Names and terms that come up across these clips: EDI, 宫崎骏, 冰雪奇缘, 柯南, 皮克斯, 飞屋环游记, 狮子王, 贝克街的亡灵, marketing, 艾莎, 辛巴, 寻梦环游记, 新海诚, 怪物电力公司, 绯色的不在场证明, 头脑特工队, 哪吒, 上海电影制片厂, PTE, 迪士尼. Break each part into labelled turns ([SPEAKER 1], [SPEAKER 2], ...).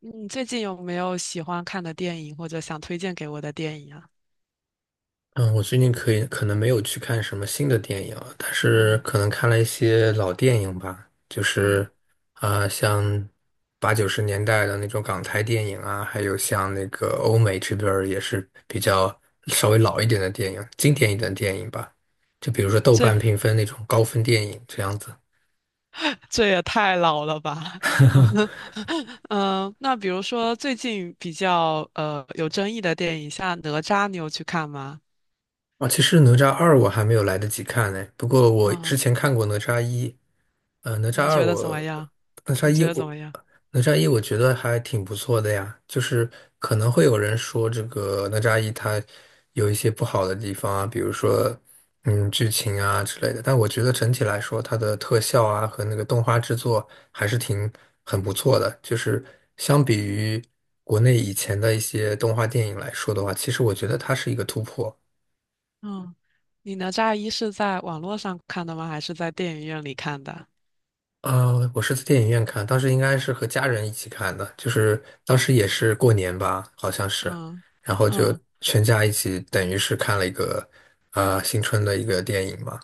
[SPEAKER 1] 你最近有没有喜欢看的电影，或者想推荐给我的电影啊？
[SPEAKER 2] 嗯，我最近可能没有去看什么新的电影啊，但是
[SPEAKER 1] 嗯
[SPEAKER 2] 可能看了一些老电影吧，就是
[SPEAKER 1] 嗯，
[SPEAKER 2] 像八九十年代的那种港台电影啊，还有像那个欧美这边儿也是比较稍微老一点的电影，经典一点的电影吧，就比如说豆瓣
[SPEAKER 1] 这
[SPEAKER 2] 评分那种高分电影这样子。
[SPEAKER 1] 这也太老了吧？嗯嗯。那比如说最近比较有争议的电影，像《哪吒》，你有去看吗？
[SPEAKER 2] 其实哪吒二我还没有来得及看呢，不过我之
[SPEAKER 1] 嗯，
[SPEAKER 2] 前看过哪吒一。呃，哪吒
[SPEAKER 1] 你
[SPEAKER 2] 二
[SPEAKER 1] 觉得怎么
[SPEAKER 2] 我，
[SPEAKER 1] 样？
[SPEAKER 2] 哪吒
[SPEAKER 1] 你
[SPEAKER 2] 一
[SPEAKER 1] 觉得怎
[SPEAKER 2] 我，
[SPEAKER 1] 么样？
[SPEAKER 2] 哪吒一我觉得还挺不错的呀。就是可能会有人说这个哪吒一它有一些不好的地方啊，比如说剧情啊之类的。但我觉得整体来说，它的特效啊和那个动画制作还是很不错的。就是相比于国内以前的一些动画电影来说的话，其实我觉得它是一个突破。
[SPEAKER 1] 嗯，你《哪吒一》是在网络上看的吗？还是在电影院里看的？
[SPEAKER 2] 我是在电影院看，当时应该是和家人一起看的，就是当时也是过年吧，好像是，
[SPEAKER 1] 嗯
[SPEAKER 2] 然后就
[SPEAKER 1] 嗯。
[SPEAKER 2] 全家一起，等于是看了一个新春的一个电影嘛。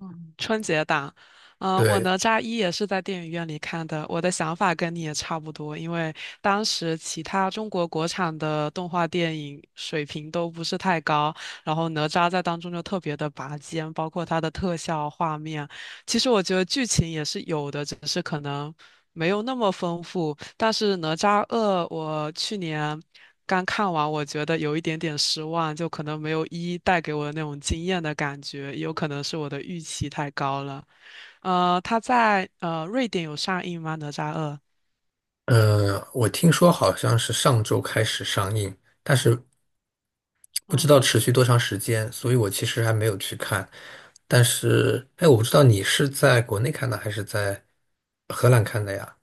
[SPEAKER 1] 嗯，春节档，嗯，我
[SPEAKER 2] 对，
[SPEAKER 1] 哪吒一也是在电影院里看的。我的想法跟你也差不多，因为当时其他中国国产的动画电影水平都不是太高，然后哪吒在当中就特别的拔尖，包括它的特效画面。其实我觉得剧情也是有的，只是可能没有那么丰富。但是哪吒二，我去年刚看完，我觉得有一点点失望，就可能没有一带给我的那种惊艳的感觉，也有可能是我的预期太高了。他在瑞典有上映吗？《哪吒二》？
[SPEAKER 2] 我听说好像是上周开始上映，但是不知道
[SPEAKER 1] 嗯，
[SPEAKER 2] 持续多长时间，所以我其实还没有去看。但是，哎，我不知道你是在国内看的还是在荷兰看的呀？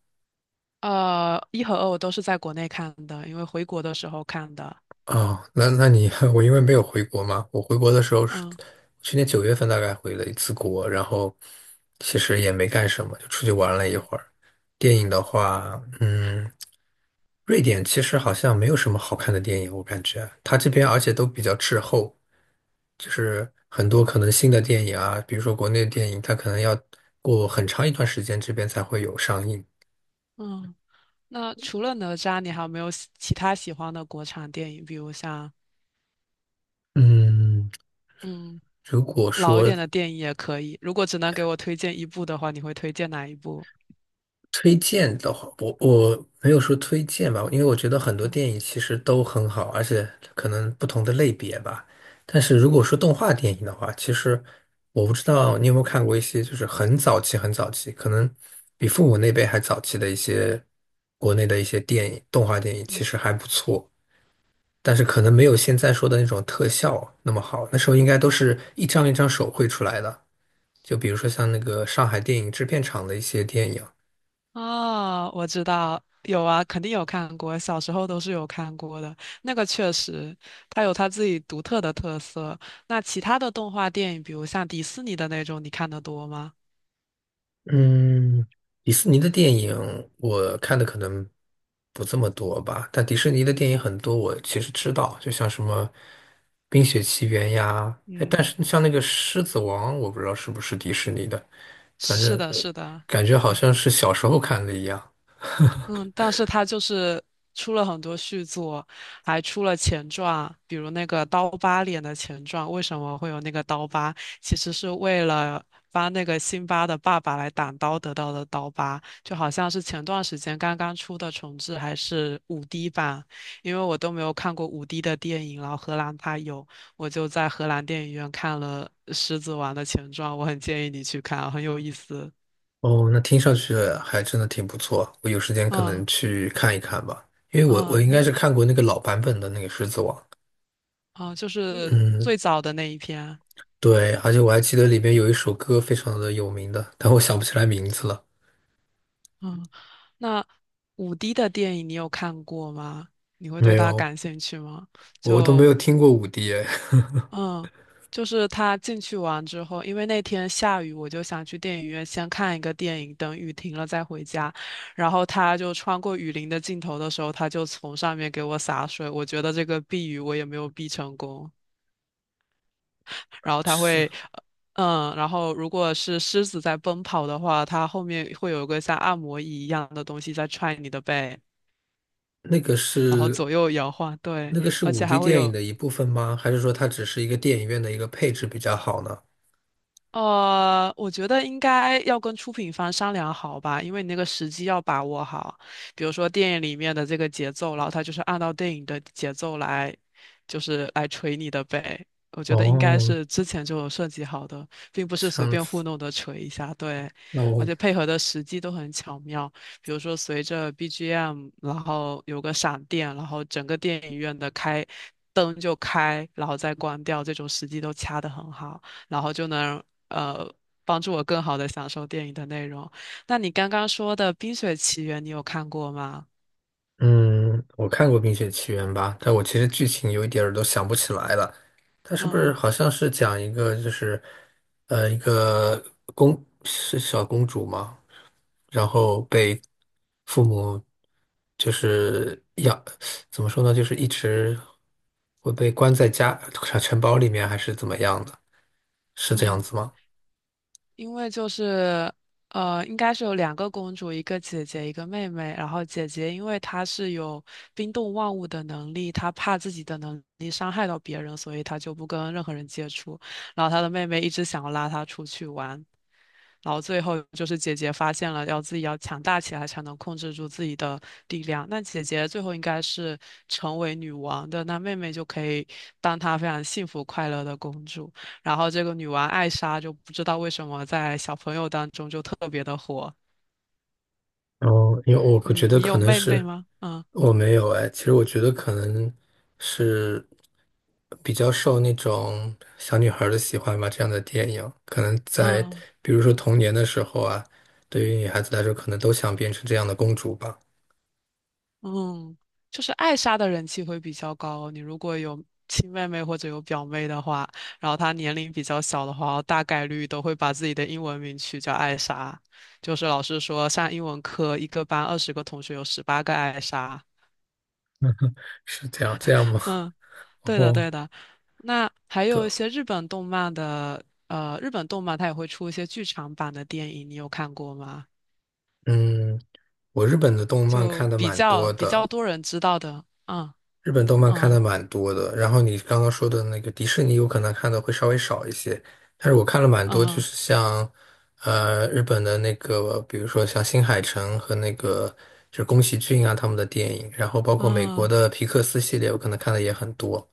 [SPEAKER 1] 一和二我都是在国内看的，因为回国的时候看的。
[SPEAKER 2] 哦，那你 我因为没有回国嘛，我回国的时候是
[SPEAKER 1] 嗯
[SPEAKER 2] 去年九月份大概回了一次国，然后其实也没干什么，就出去玩了一
[SPEAKER 1] 嗯
[SPEAKER 2] 会儿。电影的话，瑞典其实好像没有什么好看的电影，我感觉它这边而且都比较滞后，就是很多可能新的电影啊，比如说国内的电影，它可能要过很长一段时间这边才会有上映。
[SPEAKER 1] 嗯。那除了哪吒，你还有没有喜其他喜欢的国产电影？比如像
[SPEAKER 2] 嗯，
[SPEAKER 1] 嗯
[SPEAKER 2] 如果
[SPEAKER 1] 老一
[SPEAKER 2] 说
[SPEAKER 1] 点的电影也可以。如果只能给我推荐一部的话，你会推荐哪一部？
[SPEAKER 2] 推荐的话，我没有说推荐吧，因为我觉得很多
[SPEAKER 1] 嗯。
[SPEAKER 2] 电影其实都很好，而且可能不同的类别吧。但是如果说动画电影的话，其实我不知道你有没有看过一些就是很早期、很早期，可能比父母那辈还早期的一些国内的一些电影、动画电影，其实还不错。但是可能没有现在说的那种特效那么好，那时候应该都是一张一张手绘出来的。就比如说像那个上海电影制片厂的一些电影。
[SPEAKER 1] 哦，我知道，有啊，肯定有看过，小时候都是有看过的。那个确实，它有它自己独特的特色。那其他的动画电影，比如像迪士尼的那种，你看得多吗？
[SPEAKER 2] 嗯，迪士尼的电影我看的可能不这么多吧，但迪士尼的电影很多，我其实知道，就像什么《冰雪奇缘》呀，哎，但
[SPEAKER 1] 嗯，
[SPEAKER 2] 是像那个《狮子王》，我不知道是不是迪士尼的，反
[SPEAKER 1] 是
[SPEAKER 2] 正
[SPEAKER 1] 的，是的，
[SPEAKER 2] 感觉好
[SPEAKER 1] 嗯。
[SPEAKER 2] 像是小时候看的一样。
[SPEAKER 1] 嗯，但是他就是出了很多续作，还出了前传，比如那个刀疤脸的前传，为什么会有那个刀疤？其实是为了帮那个辛巴的爸爸来挡刀得到的刀疤，就好像是前段时间刚刚出的重制还是五 d 版，因为我都没有看过五 d 的电影，然后荷兰它有，我就在荷兰电影院看了《狮子王》的前传，我很建议你去看，很有意思。
[SPEAKER 2] 哦，那听上去还真的挺不错，我有时间可能
[SPEAKER 1] 嗯
[SPEAKER 2] 去看一看吧，因为我
[SPEAKER 1] 嗯，
[SPEAKER 2] 应该是看过那个老版本的那个《狮子王》，
[SPEAKER 1] 哦，就是
[SPEAKER 2] 嗯。
[SPEAKER 1] 最早的那一篇。
[SPEAKER 2] 对，而且我还记得里面有一首歌非常的有名的，但我想不起来名字了。
[SPEAKER 1] 嗯，那五 D 的电影你有看过吗？你会
[SPEAKER 2] 没
[SPEAKER 1] 对它
[SPEAKER 2] 有，
[SPEAKER 1] 感兴趣吗？
[SPEAKER 2] 我都没
[SPEAKER 1] 就
[SPEAKER 2] 有听过五 D 哎，
[SPEAKER 1] 嗯，就是他进去完之后，因为那天下雨，我就想去电影院先看一个电影，等雨停了再回家。然后他就穿过雨林的尽头的时候，他就从上面给我洒水，我觉得这个避雨我也没有避成功。然后它会，
[SPEAKER 2] 是
[SPEAKER 1] 呃然后如果是狮子在奔跑的话，它后面会有一个像按摩椅一样的东西在踹你的背，
[SPEAKER 2] 那个
[SPEAKER 1] 然后
[SPEAKER 2] 是
[SPEAKER 1] 左右摇晃，对，
[SPEAKER 2] 是
[SPEAKER 1] 而
[SPEAKER 2] 五
[SPEAKER 1] 且
[SPEAKER 2] D
[SPEAKER 1] 还会
[SPEAKER 2] 电影
[SPEAKER 1] 有，
[SPEAKER 2] 的一部分吗？还是说它只是一个电影院的一个配置比较好呢？
[SPEAKER 1] 我觉得应该要跟出品方商量好吧，因为你那个时机要把握好。比如说电影里面的这个节奏，然后他就是按照电影的节奏来，就是来锤你的呗。我觉得应该
[SPEAKER 2] 哦，
[SPEAKER 1] 是之前就有设计好的，并不是
[SPEAKER 2] 这
[SPEAKER 1] 随
[SPEAKER 2] 样
[SPEAKER 1] 便糊
[SPEAKER 2] 子，
[SPEAKER 1] 弄的锤一下。对，
[SPEAKER 2] 那我
[SPEAKER 1] 而且配合的时机都很巧妙，比如说随着 BGM，然后有个闪电，然后整个电影院的开灯就开，然后再关掉，这种时机都掐的很好。然后就能呃帮助我更好的享受电影的内容。那你刚刚说的《冰雪奇缘》，你有看过吗？
[SPEAKER 2] 嗯，我看过《冰雪奇缘》吧，但我其实剧情有一点儿都想不起来了。它是不是
[SPEAKER 1] 嗯
[SPEAKER 2] 好像是讲一个就是，一个小公主嘛，然后被父母就是养，怎么说呢，就是一直会被关在城堡里面，还是怎么样的？是这样
[SPEAKER 1] 嗯，
[SPEAKER 2] 子吗？
[SPEAKER 1] 因为就是应该是有两个公主，一个姐姐，一个妹妹。然后姐姐因为她是有冰冻万物的能力，她怕自己的能力伤害到别人，所以她就不跟任何人接触。然后她的妹妹一直想要拉她出去玩。然后最后就是姐姐发现了，要自己要强大起来才能控制住自己的力量。那姐姐最后应该是成为女王的，那妹妹就可以当她非常幸福快乐的公主。然后这个女王艾莎就不知道为什么在小朋友当中就特别的火。
[SPEAKER 2] 然后，因为我
[SPEAKER 1] 嗯，
[SPEAKER 2] 觉得
[SPEAKER 1] 你
[SPEAKER 2] 可
[SPEAKER 1] 有
[SPEAKER 2] 能
[SPEAKER 1] 妹妹
[SPEAKER 2] 是。
[SPEAKER 1] 吗？嗯
[SPEAKER 2] 我没有哎，其实我觉得可能是比较受那种小女孩儿的喜欢吧，这样的电影，可能在
[SPEAKER 1] 嗯。
[SPEAKER 2] 比如说童年的时候啊，对于女孩子来说，可能都想变成这样的公主吧，
[SPEAKER 1] 嗯，就是艾莎的人气会比较高。你如果有亲妹妹或者有表妹的话，然后她年龄比较小的话，大概率都会把自己的英文名取叫艾莎。就是老师说，上英文课一个班20个同学有18个艾莎。
[SPEAKER 2] 是这样吗？
[SPEAKER 1] 嗯，
[SPEAKER 2] 然
[SPEAKER 1] 对的，
[SPEAKER 2] 后
[SPEAKER 1] 对的。那还
[SPEAKER 2] 对，
[SPEAKER 1] 有一些日本动漫的，日本动漫它也会出一些剧场版的电影，你有看过吗？
[SPEAKER 2] 嗯，我日本的动漫
[SPEAKER 1] 就
[SPEAKER 2] 看的
[SPEAKER 1] 比
[SPEAKER 2] 蛮
[SPEAKER 1] 较
[SPEAKER 2] 多
[SPEAKER 1] 比较
[SPEAKER 2] 的，
[SPEAKER 1] 多人知道的，嗯
[SPEAKER 2] 日本动漫看的
[SPEAKER 1] 嗯
[SPEAKER 2] 蛮多的，然后你刚刚说的那个迪士尼，有可能看的会稍微少一些，但是我看了蛮多，就
[SPEAKER 1] 嗯
[SPEAKER 2] 是像，日本的那个，比如说像新海诚和那个就是宫崎骏啊他们的电影，然后包括美国
[SPEAKER 1] 嗯。
[SPEAKER 2] 的皮克斯系列，我可能看的也很多。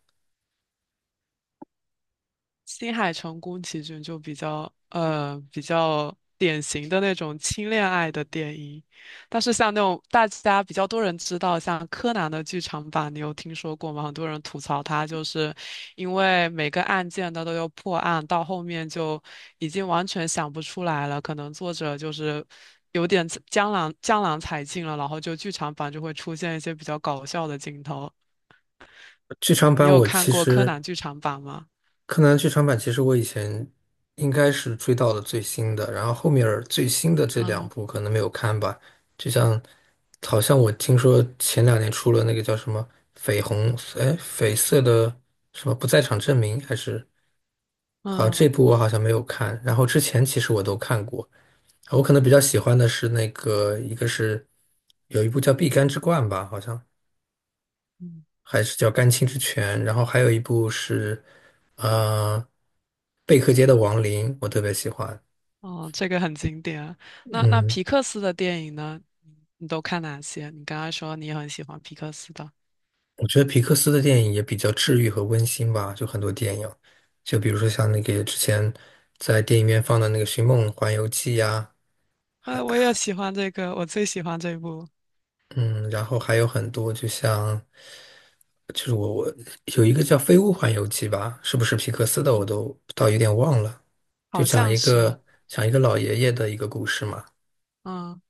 [SPEAKER 1] 新海诚宫崎骏就比较比较典型的那种轻恋爱的电影，但是像那种大家比较多人知道，像柯南的剧场版，你有听说过吗？很多人吐槽它，就是因为每个案件它都要破案，到后面就已经完全想不出来了，可能作者就是。有点江郎才尽了，然后就剧场版就会出现一些比较搞笑的镜头。
[SPEAKER 2] 剧场
[SPEAKER 1] 你
[SPEAKER 2] 版
[SPEAKER 1] 有
[SPEAKER 2] 我
[SPEAKER 1] 看
[SPEAKER 2] 其
[SPEAKER 1] 过柯
[SPEAKER 2] 实
[SPEAKER 1] 南剧场版吗？
[SPEAKER 2] 柯南剧场版其实我以前应该是追到了最新的，然后后面儿最新的这两
[SPEAKER 1] 嗯
[SPEAKER 2] 部可能没有看吧。就像，好像我听说前两年出了那个叫什么绯红，哎，绯色的什么不在场证明，好像这
[SPEAKER 1] 嗯。
[SPEAKER 2] 部我好像没有看。然后之前其实我都看过，我可能比较喜欢的是那个，一个是有一部叫《碧干之冠》吧，好像还是叫《甘青之泉》，然后还有一部是，呃，《贝克街的亡灵》，我特别喜欢。
[SPEAKER 1] 哦，这个很经典啊那
[SPEAKER 2] 嗯，
[SPEAKER 1] 皮克斯的电影呢？你都看哪些？你刚刚说你也很喜欢皮克斯的，
[SPEAKER 2] 我觉得皮克斯的电影也比较治愈和温馨吧，就很多电影，就比如说像那个之前在电影院放的那个《寻梦环游记》呀，还
[SPEAKER 1] 我也喜欢这个，我最喜欢这部，
[SPEAKER 2] 嗯，然后还有很多，就像就是我我有一个叫《飞屋环游记》吧，是不是皮克斯的，我
[SPEAKER 1] 嗯，
[SPEAKER 2] 都倒有点忘了，就
[SPEAKER 1] 好
[SPEAKER 2] 讲
[SPEAKER 1] 像
[SPEAKER 2] 一
[SPEAKER 1] 是，
[SPEAKER 2] 个讲一个老爷爷的一个故事嘛，
[SPEAKER 1] 嗯，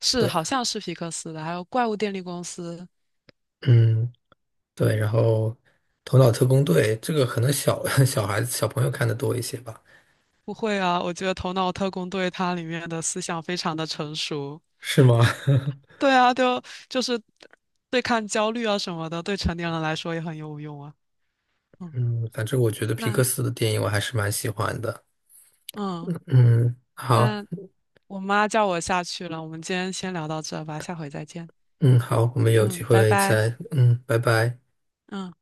[SPEAKER 1] 是
[SPEAKER 2] 对。
[SPEAKER 1] 好像是皮克斯的，还有《怪物电力公司》。
[SPEAKER 2] 嗯，对，然后《头脑特工队》这个可能小 小孩子、小朋友看的多一些吧？
[SPEAKER 1] 不会啊，我觉得《头脑特工队》它里面的思想非常的成熟。
[SPEAKER 2] 是吗？
[SPEAKER 1] 对啊，就是对抗焦虑啊什么的，对成年人来说也很有用啊。嗯，
[SPEAKER 2] 嗯，反正我觉得皮
[SPEAKER 1] 那
[SPEAKER 2] 克斯的电影我还是蛮喜欢的。
[SPEAKER 1] 嗯。
[SPEAKER 2] 嗯，好，
[SPEAKER 1] 那。我妈叫我下去了，我们今天先聊到这吧，下回再见。
[SPEAKER 2] 嗯，好，我们有机
[SPEAKER 1] 嗯，拜
[SPEAKER 2] 会
[SPEAKER 1] 拜。
[SPEAKER 2] 再，拜拜。
[SPEAKER 1] 嗯。